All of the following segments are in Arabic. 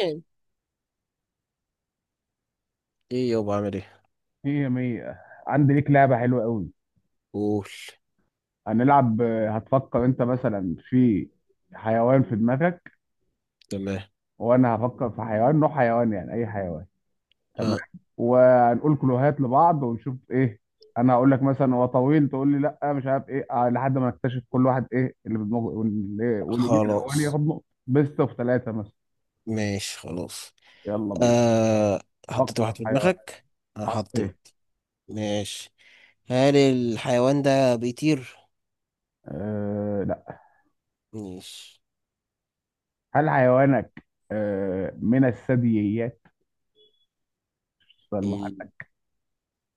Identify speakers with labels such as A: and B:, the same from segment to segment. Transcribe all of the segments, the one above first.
A: إيه. ايه يابا، عامل ايه؟
B: مية مية. عندي ليك لعبة حلوة قوي.
A: قول.
B: هنلعب هتفكر انت مثلا في حيوان في دماغك،
A: تمام.
B: وانا هفكر في حيوان، نوع حيوان يعني اي حيوان. تمام،
A: آه.
B: وهنقول كلوهات لبعض ونشوف ايه. انا هقول لك مثلا هو طويل، تقول لي لا مش عارف ايه لحد ما نكتشف كل واحد ايه اللي في دماغه واللي يجيب الاولاني
A: خلاص.
B: ياخد نقطة، بيست اوف ثلاثة مثلا.
A: ماشي خلاص.
B: يلا بينا.
A: آه، حطيت
B: فكر
A: واحد
B: في
A: في
B: حيوان.
A: دماغك؟ آه
B: حط ايه؟
A: حطيت. ماشي. هل الحيوان ده بيطير؟
B: آه لا.
A: ماشي.
B: هل حيوانك آه من الثدييات؟ سؤال.
A: ال-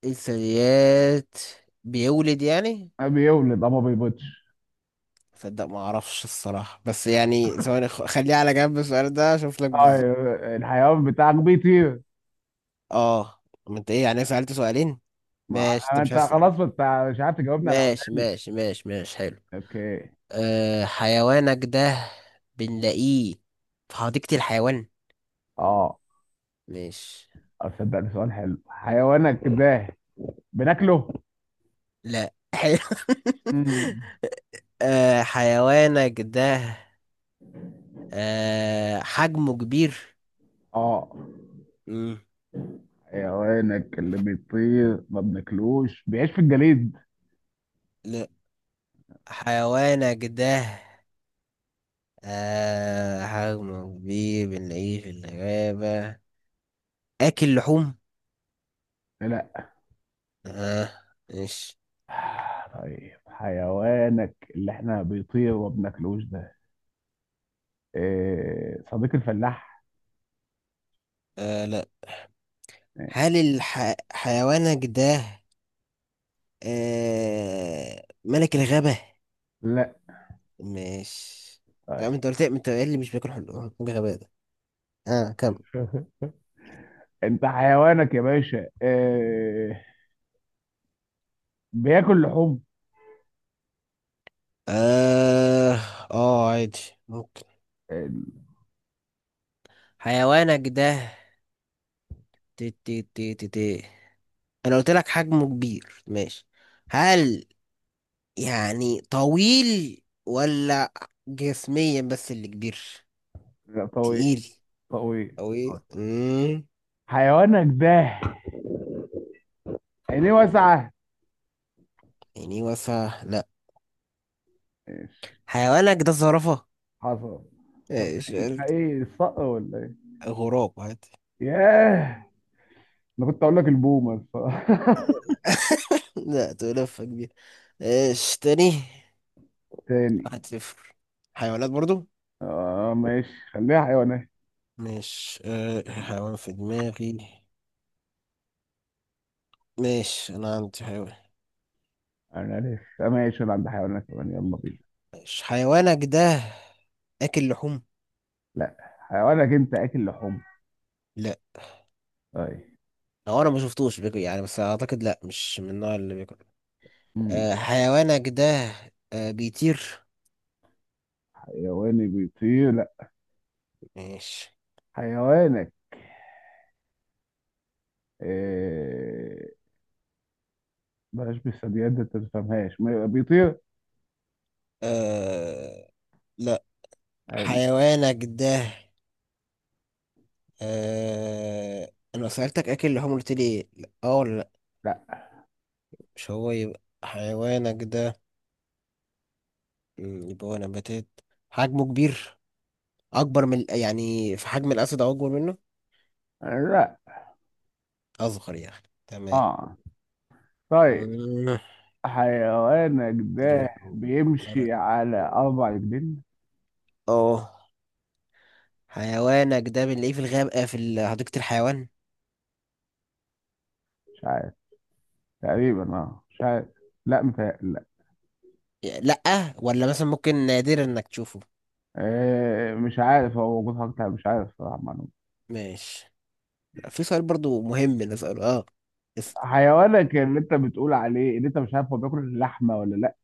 A: الثدييات، بيولد يعني؟
B: بيولد ما بيبيضش.
A: صدق ما اعرفش الصراحة، بس يعني ثواني، خليه على جنب السؤال ده اشوف لك بالظبط.
B: اه الحيوان بتاعك بيطير؟
A: اه، ما انت ايه يعني؟ سألت سؤالين.
B: ما
A: ماشي، انت مش
B: انت
A: هسأل.
B: خلاص، ما انت مش عارف تجاوبني على.
A: ماشي
B: وداني.
A: ماشي ماشي ماشي، حلو.
B: اوكي.
A: أه، حيوانك ده بنلاقيه في حديقة الحيوان؟
B: اه
A: مش؟
B: اصدق ده سؤال حلو. حيوانك ده بناكله؟
A: لا حلو.
B: مم.
A: أه، حيوانك ده أه حجمه كبير؟
B: اه
A: مم.
B: حيوانك اللي بيطير ما بناكلوش بيعيش في الجليد؟
A: لا، حيوانك ده أه حجمه كبير، بنلاقيه في الغابة، أكل لحوم؟
B: لا.
A: أه. مش.
B: طيب حيوانك اللي احنا بيطير وما بناكلوش ده إيه، صديق الفلاح؟
A: أه. لا.
B: إيه.
A: هل حيوانك ده أه ملك الغابة؟
B: لا.
A: ماشي. يا
B: طيب.
A: عم انت قلت، انت قايل لي مش بياكل، حلو. غباء ده. اه كم.
B: انت حيوانك يا باشا إيه، بياكل لحوم؟
A: اه. اه عادي. ممكن.
B: ال-
A: حيوانك ده تي تي تي تي تي. انا قلت لك حجمه كبير، ماشي؟ هل يعني طويل، ولا جسميا بس اللي كبير،
B: لا طويل.
A: تقيل،
B: طويل.
A: او
B: طويل.
A: ايه؟
B: حيوانك ده عينيه واسعة؟
A: يعني وفا لا.
B: ماشي.
A: حيوانك ده زرافة.
B: حصل. طب
A: ايش
B: يبقى
A: قلت؟
B: ايه، الصقر ولا ايه؟
A: غراب عادي.
B: ياه، انا كنت اقول لك البومة الصراحة.
A: لا، تقول لفة كبير. ايش تاني؟
B: تاني.
A: 1-0. حيوانات برضو.
B: اه ماشي خليها حيوانات.
A: مش حيوان في دماغي. ماشي، انا عندي حيوان.
B: انا لسه ماشي، انا عند حيوانات كمان، يلا بينا.
A: ماشي، حيوانك ده اكل لحوم؟
B: لا حيوانك انت اكل لحوم؟
A: لا.
B: طيب.
A: او انا ما شفتوش بياكل يعني، بس اعتقد لا، مش من النوع اللي بياكل.
B: مم.
A: أه، حيوانك ده أه بيطير؟
B: حيواني بيطير؟ لا.
A: ماشي.
B: حيوانك إيه... بلاش بالثدييات دي انت ما تفهمهاش، ما يبقى بيطير.
A: أه لا.
B: حلو.
A: حيوانك ده أه، انا سألتك اكل لحوم قلت لي إيه؟ لا، اه ولا لا؟
B: لا.
A: مش هو، يبقى حيوانك ده يبقى هو نباتات، حجمه كبير، اكبر من يعني في حجم الاسد او اكبر منه؟
B: لا.
A: اصغر يعني، تمام.
B: اه طيب
A: مم.
B: حيوانك ده بيمشي على اربع رجلين؟
A: اه، حيوانك ده بنلاقيه في الغاب في حديقة الحيوان؟
B: مش عارف. تقريبا اه مش عارف. لا متهيألي لا.
A: لا، ولا مثلا ممكن نادرا انك تشوفه؟
B: آه مش عارف، هو موجود حاجة تانية، مش عارف صراحة معلومة.
A: ماشي. في سؤال برضو مهم نسأله، اه. اس-
B: حيوانك اللي انت بتقول عليه اللي انت مش عارف هو بياكل لحمة ولا لا؟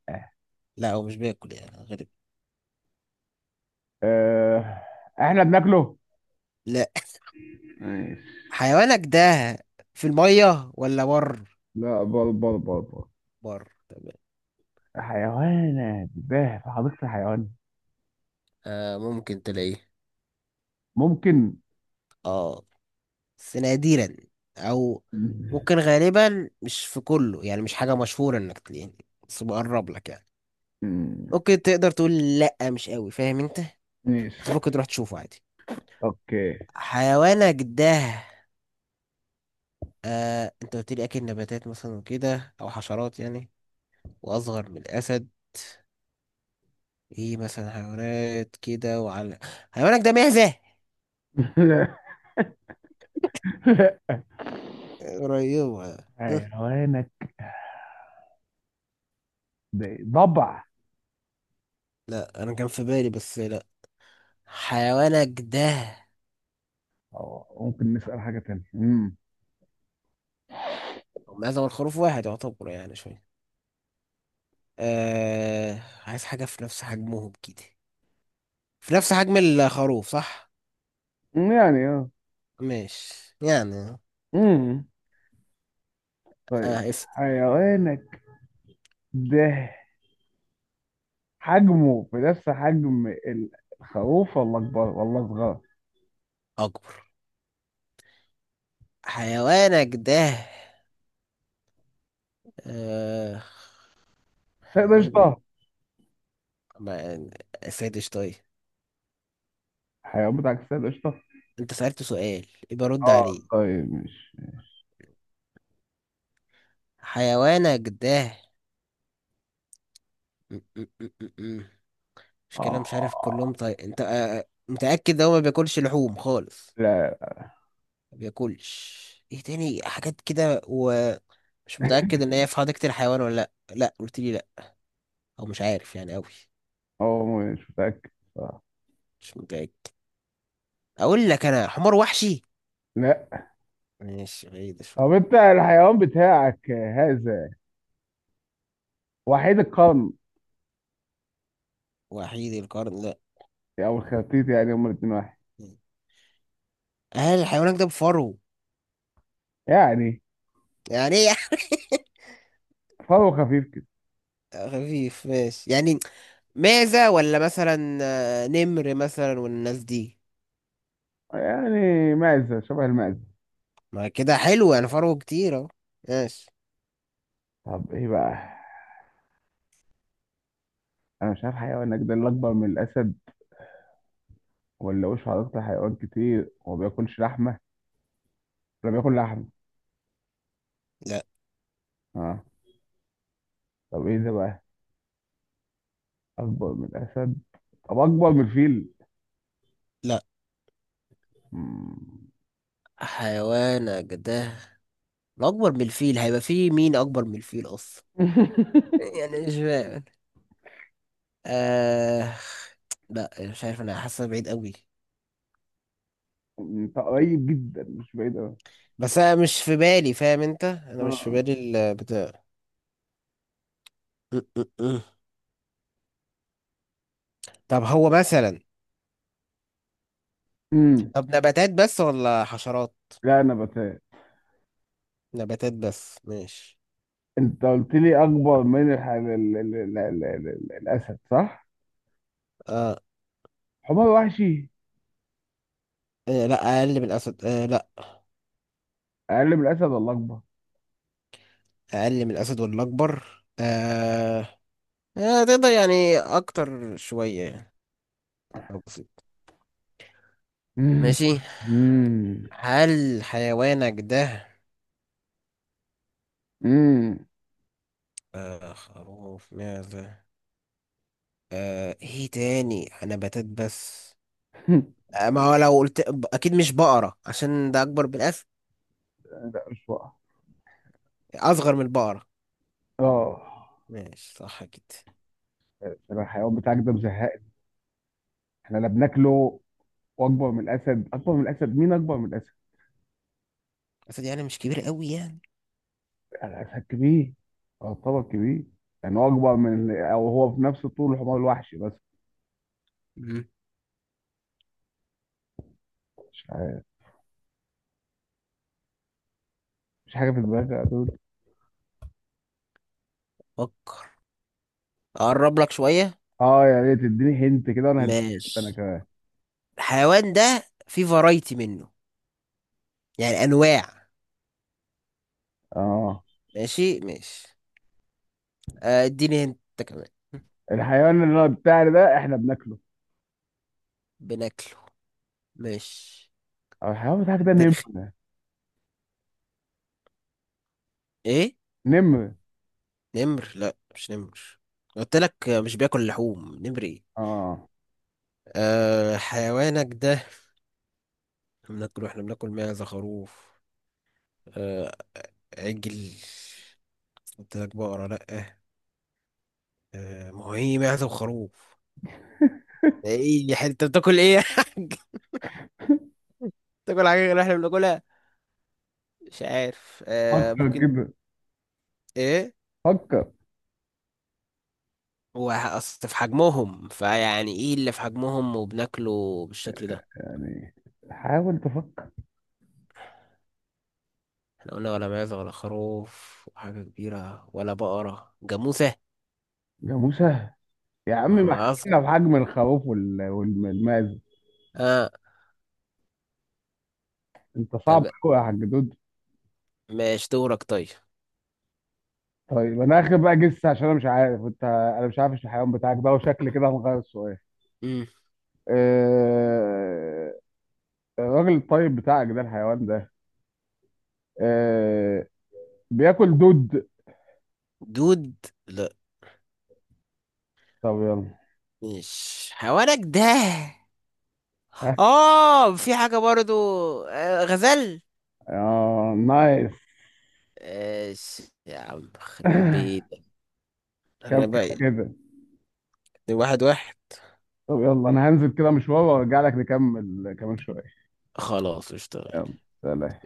A: لا هو مش بياكل يعني، غريب.
B: آه. احنا بناكله؟
A: لا.
B: ماشي.
A: حيوانك ده في المية ولا بر؟
B: لا، بر، بر، بر، بر.
A: بر، تمام.
B: حيوانك ده في حديقة الحيوان؟
A: آه ممكن تلاقيه؟
B: ممكن.
A: اه، بس نادرا، او
B: مم.
A: ممكن غالبا مش في كله، يعني مش حاجة مشهورة انك تلاقيه، بس بقرب لك يعني.
B: مم.
A: ممكن تقدر تقول لا مش قوي، فاهم انت؟
B: ماشي.
A: بس ممكن تروح تشوفه عادي.
B: اوكي.
A: حيوانك ده آه انت قلت لي اكل نباتات مثلا وكده، او حشرات يعني، واصغر من الاسد، ايه مثلا؟ حيوانات كده وعلى، حيوانك ده معزة؟ قريبة.
B: اي هوانك ضبع؟
A: لا انا كان في بالي، بس لا. حيوانك ده
B: أو ممكن نسأل حاجة تانية.
A: معزة والخروف واحد يعتبر يعني شوية. آه، عايز حاجة في نفس حجمهم كده، في نفس حجم الخروف، صح؟
B: يعني اه.
A: ماشي يعني.
B: امم طيب
A: آه اس
B: حيوانك ده حجمه بنفس حجم الخروف ولا اكبر ولا صغير؟
A: أكبر. حيوانك ده آه
B: سيد
A: نقول
B: قشطة.
A: ما سادش، طيب.
B: الحيوان بتاعك سيد قشطة.
A: أنت سألت سؤال، يبقى رد
B: اه
A: عليه.
B: طيب مش
A: حيوانك ده م- م- م- م- م. مش كلام
B: اه.
A: مش عارف كلهم، طيب أنت آه. آه، متأكد ده هو ما بياكلش لحوم خالص؟
B: لا
A: ما بياكلش. ايه تاني حاجات كده، ومش متأكد ان هي في حديقة الحيوان ولا لا، لا قلت لي لا، او مش عارف يعني قوي.
B: هو مش متأكد صح.
A: مش متأكد. اقول لك انا حمار وحشي؟
B: لا.
A: ماشي، بعيد شوية.
B: طب انت الحيوان بتاعك هذا وحيد القرن،
A: وحيد القرن لا.
B: او الخرتيت يعني هما الاتنين واحد؟
A: هل الحيوان ده بفرو؟
B: يعني
A: يعني ايه؟
B: فرو خفيف كده.
A: خفيف، ماشي يعني. معزة، ولا مثلا نمر مثلا والناس دي؟
B: يعني معزة، شبه المعزة.
A: ما كده حلو يعني، فرو كتير اهو. ماشي.
B: طب ايه بقى؟ انا مش عارف حيوان اجدل اكبر من الاسد، ولا وش عضلات حيوان كتير وما بياكلش لحمة، ولا بياكل لحمة.
A: لا.
B: اه. طب ايه ده بقى، اكبر من الاسد؟ طب اكبر من الفيل؟
A: لا.
B: مم.
A: حيوانك ده الاكبر من الفيل، هيبقى فيه مين اكبر من الفيل اصلا؟ يعني مش فاهم. آه... لا مش عارف، انا حاسه بعيد قوي.
B: انت قريب جدا مش بعيد قوي.
A: بس انا مش في بالي، فاهم انت؟ انا مش في
B: اه.
A: بالي البتاع م- م- م. طب هو مثلا
B: امم
A: طب نباتات بس ولا حشرات؟
B: لا انا بتهيألي
A: نباتات بس، ماشي.
B: انت قلت لي اكبر من الح... ال... ال... ال... ال... ال... ال... الاسد صح؟
A: آه.
B: حمار وحشي.
A: آه لا، اقل من الاسد آه لا؟
B: اقل من الاسد ولا اكبر؟
A: اقل من الاسد ولا اكبر؟ آه. آه تقدر يعني اكتر شويه يعني، أكتر بسيط. ماشي.
B: امم
A: هل حيوانك ده
B: امم
A: آه خروف معزة آه ايه تاني؟ انا بتات بس. آه، ما هو لو قلت اكيد مش بقرة، عشان ده اكبر من الاسد.
B: لا مش بقى.
A: اصغر من البقرة،
B: اه.
A: ماشي، صح كده.
B: عشان الحيوان بتاعك ده مزهقني، احنا لا بناكله، واكبر من الاسد. اكبر من الاسد مين اكبر من الاسد؟
A: الاسد يعني مش كبير قوي يعني.
B: يعني الاسد كبير. اه طبعا كبير. يعني هو اكبر من، او هو في نفس طول الحمار الوحشي بس.
A: مم.
B: مش عارف. مش حاجه في دماغي يا دود.
A: فكر. اقرب لك شوية.
B: اه يا ريت تديني هنت كده وانا هديك هنت انا
A: ماشي.
B: كمان.
A: الحيوان ده في فرايتي منه، يعني انواع.
B: اه
A: ماشي ماشي. آه، اديني انت كمان.
B: الحيوان اللي انا بتاعي ده احنا بناكله.
A: بناكله. ماشي.
B: او الحيوان بتاعك ده
A: انت رخي.
B: نمر؟
A: ايه؟
B: نمر.
A: نمر؟ لا مش نمر، قلت لك مش بياكل لحوم. نمر ايه.
B: اه
A: أه حيوانك ده واحنا بناكل معزة خروف، آه عجل، قلت لك بقرة لأ. آه ما هو ايه، معزة وخروف، ايه يا حاج؟ انت بتاكل ايه يا حاج؟ بتاكل حاجة غير اللي احنا بناكلها؟ مش عارف،
B: فكر
A: ممكن.
B: كده.
A: ايه
B: فكر.
A: هو؟ اصل في حجمهم فيعني ايه اللي في حجمهم وبناكله بالشكل ده؟
B: يعني حاول تفكر.
A: احنا قلنا ولا معزة ولا خروف، وحاجة كبيرة ولا بقرة جاموسة.
B: يا موسى. يا عم ما
A: ما أصل.
B: احنا في حجم الخروف والماز.
A: اه.
B: انت صعب
A: طب.
B: قوي يا حاج دود.
A: ماشي، دورك طيب.
B: طيب انا اخر بقى جس، عشان انا مش عارف انت، انا مش عارف الحيوان بتاعك ده، وشكل كده هنغير السؤال.
A: مم.
B: آه، الراجل الطيب بتاعك ده الحيوان ده آه، بياكل دود؟
A: دود؟
B: طب يلا.
A: مش حوالك ده؟
B: اه
A: اه، في حاجة برضو. غزل.
B: نايس.
A: ايش؟ يا عم خرب بيتك.
B: كم
A: انا
B: كم
A: باين.
B: كده.
A: 1-1.
B: طب يلا انا هنزل كده مشوار وارجع لك نكمل كمان شويه.
A: خلاص اشتغل.
B: يلا. سلام.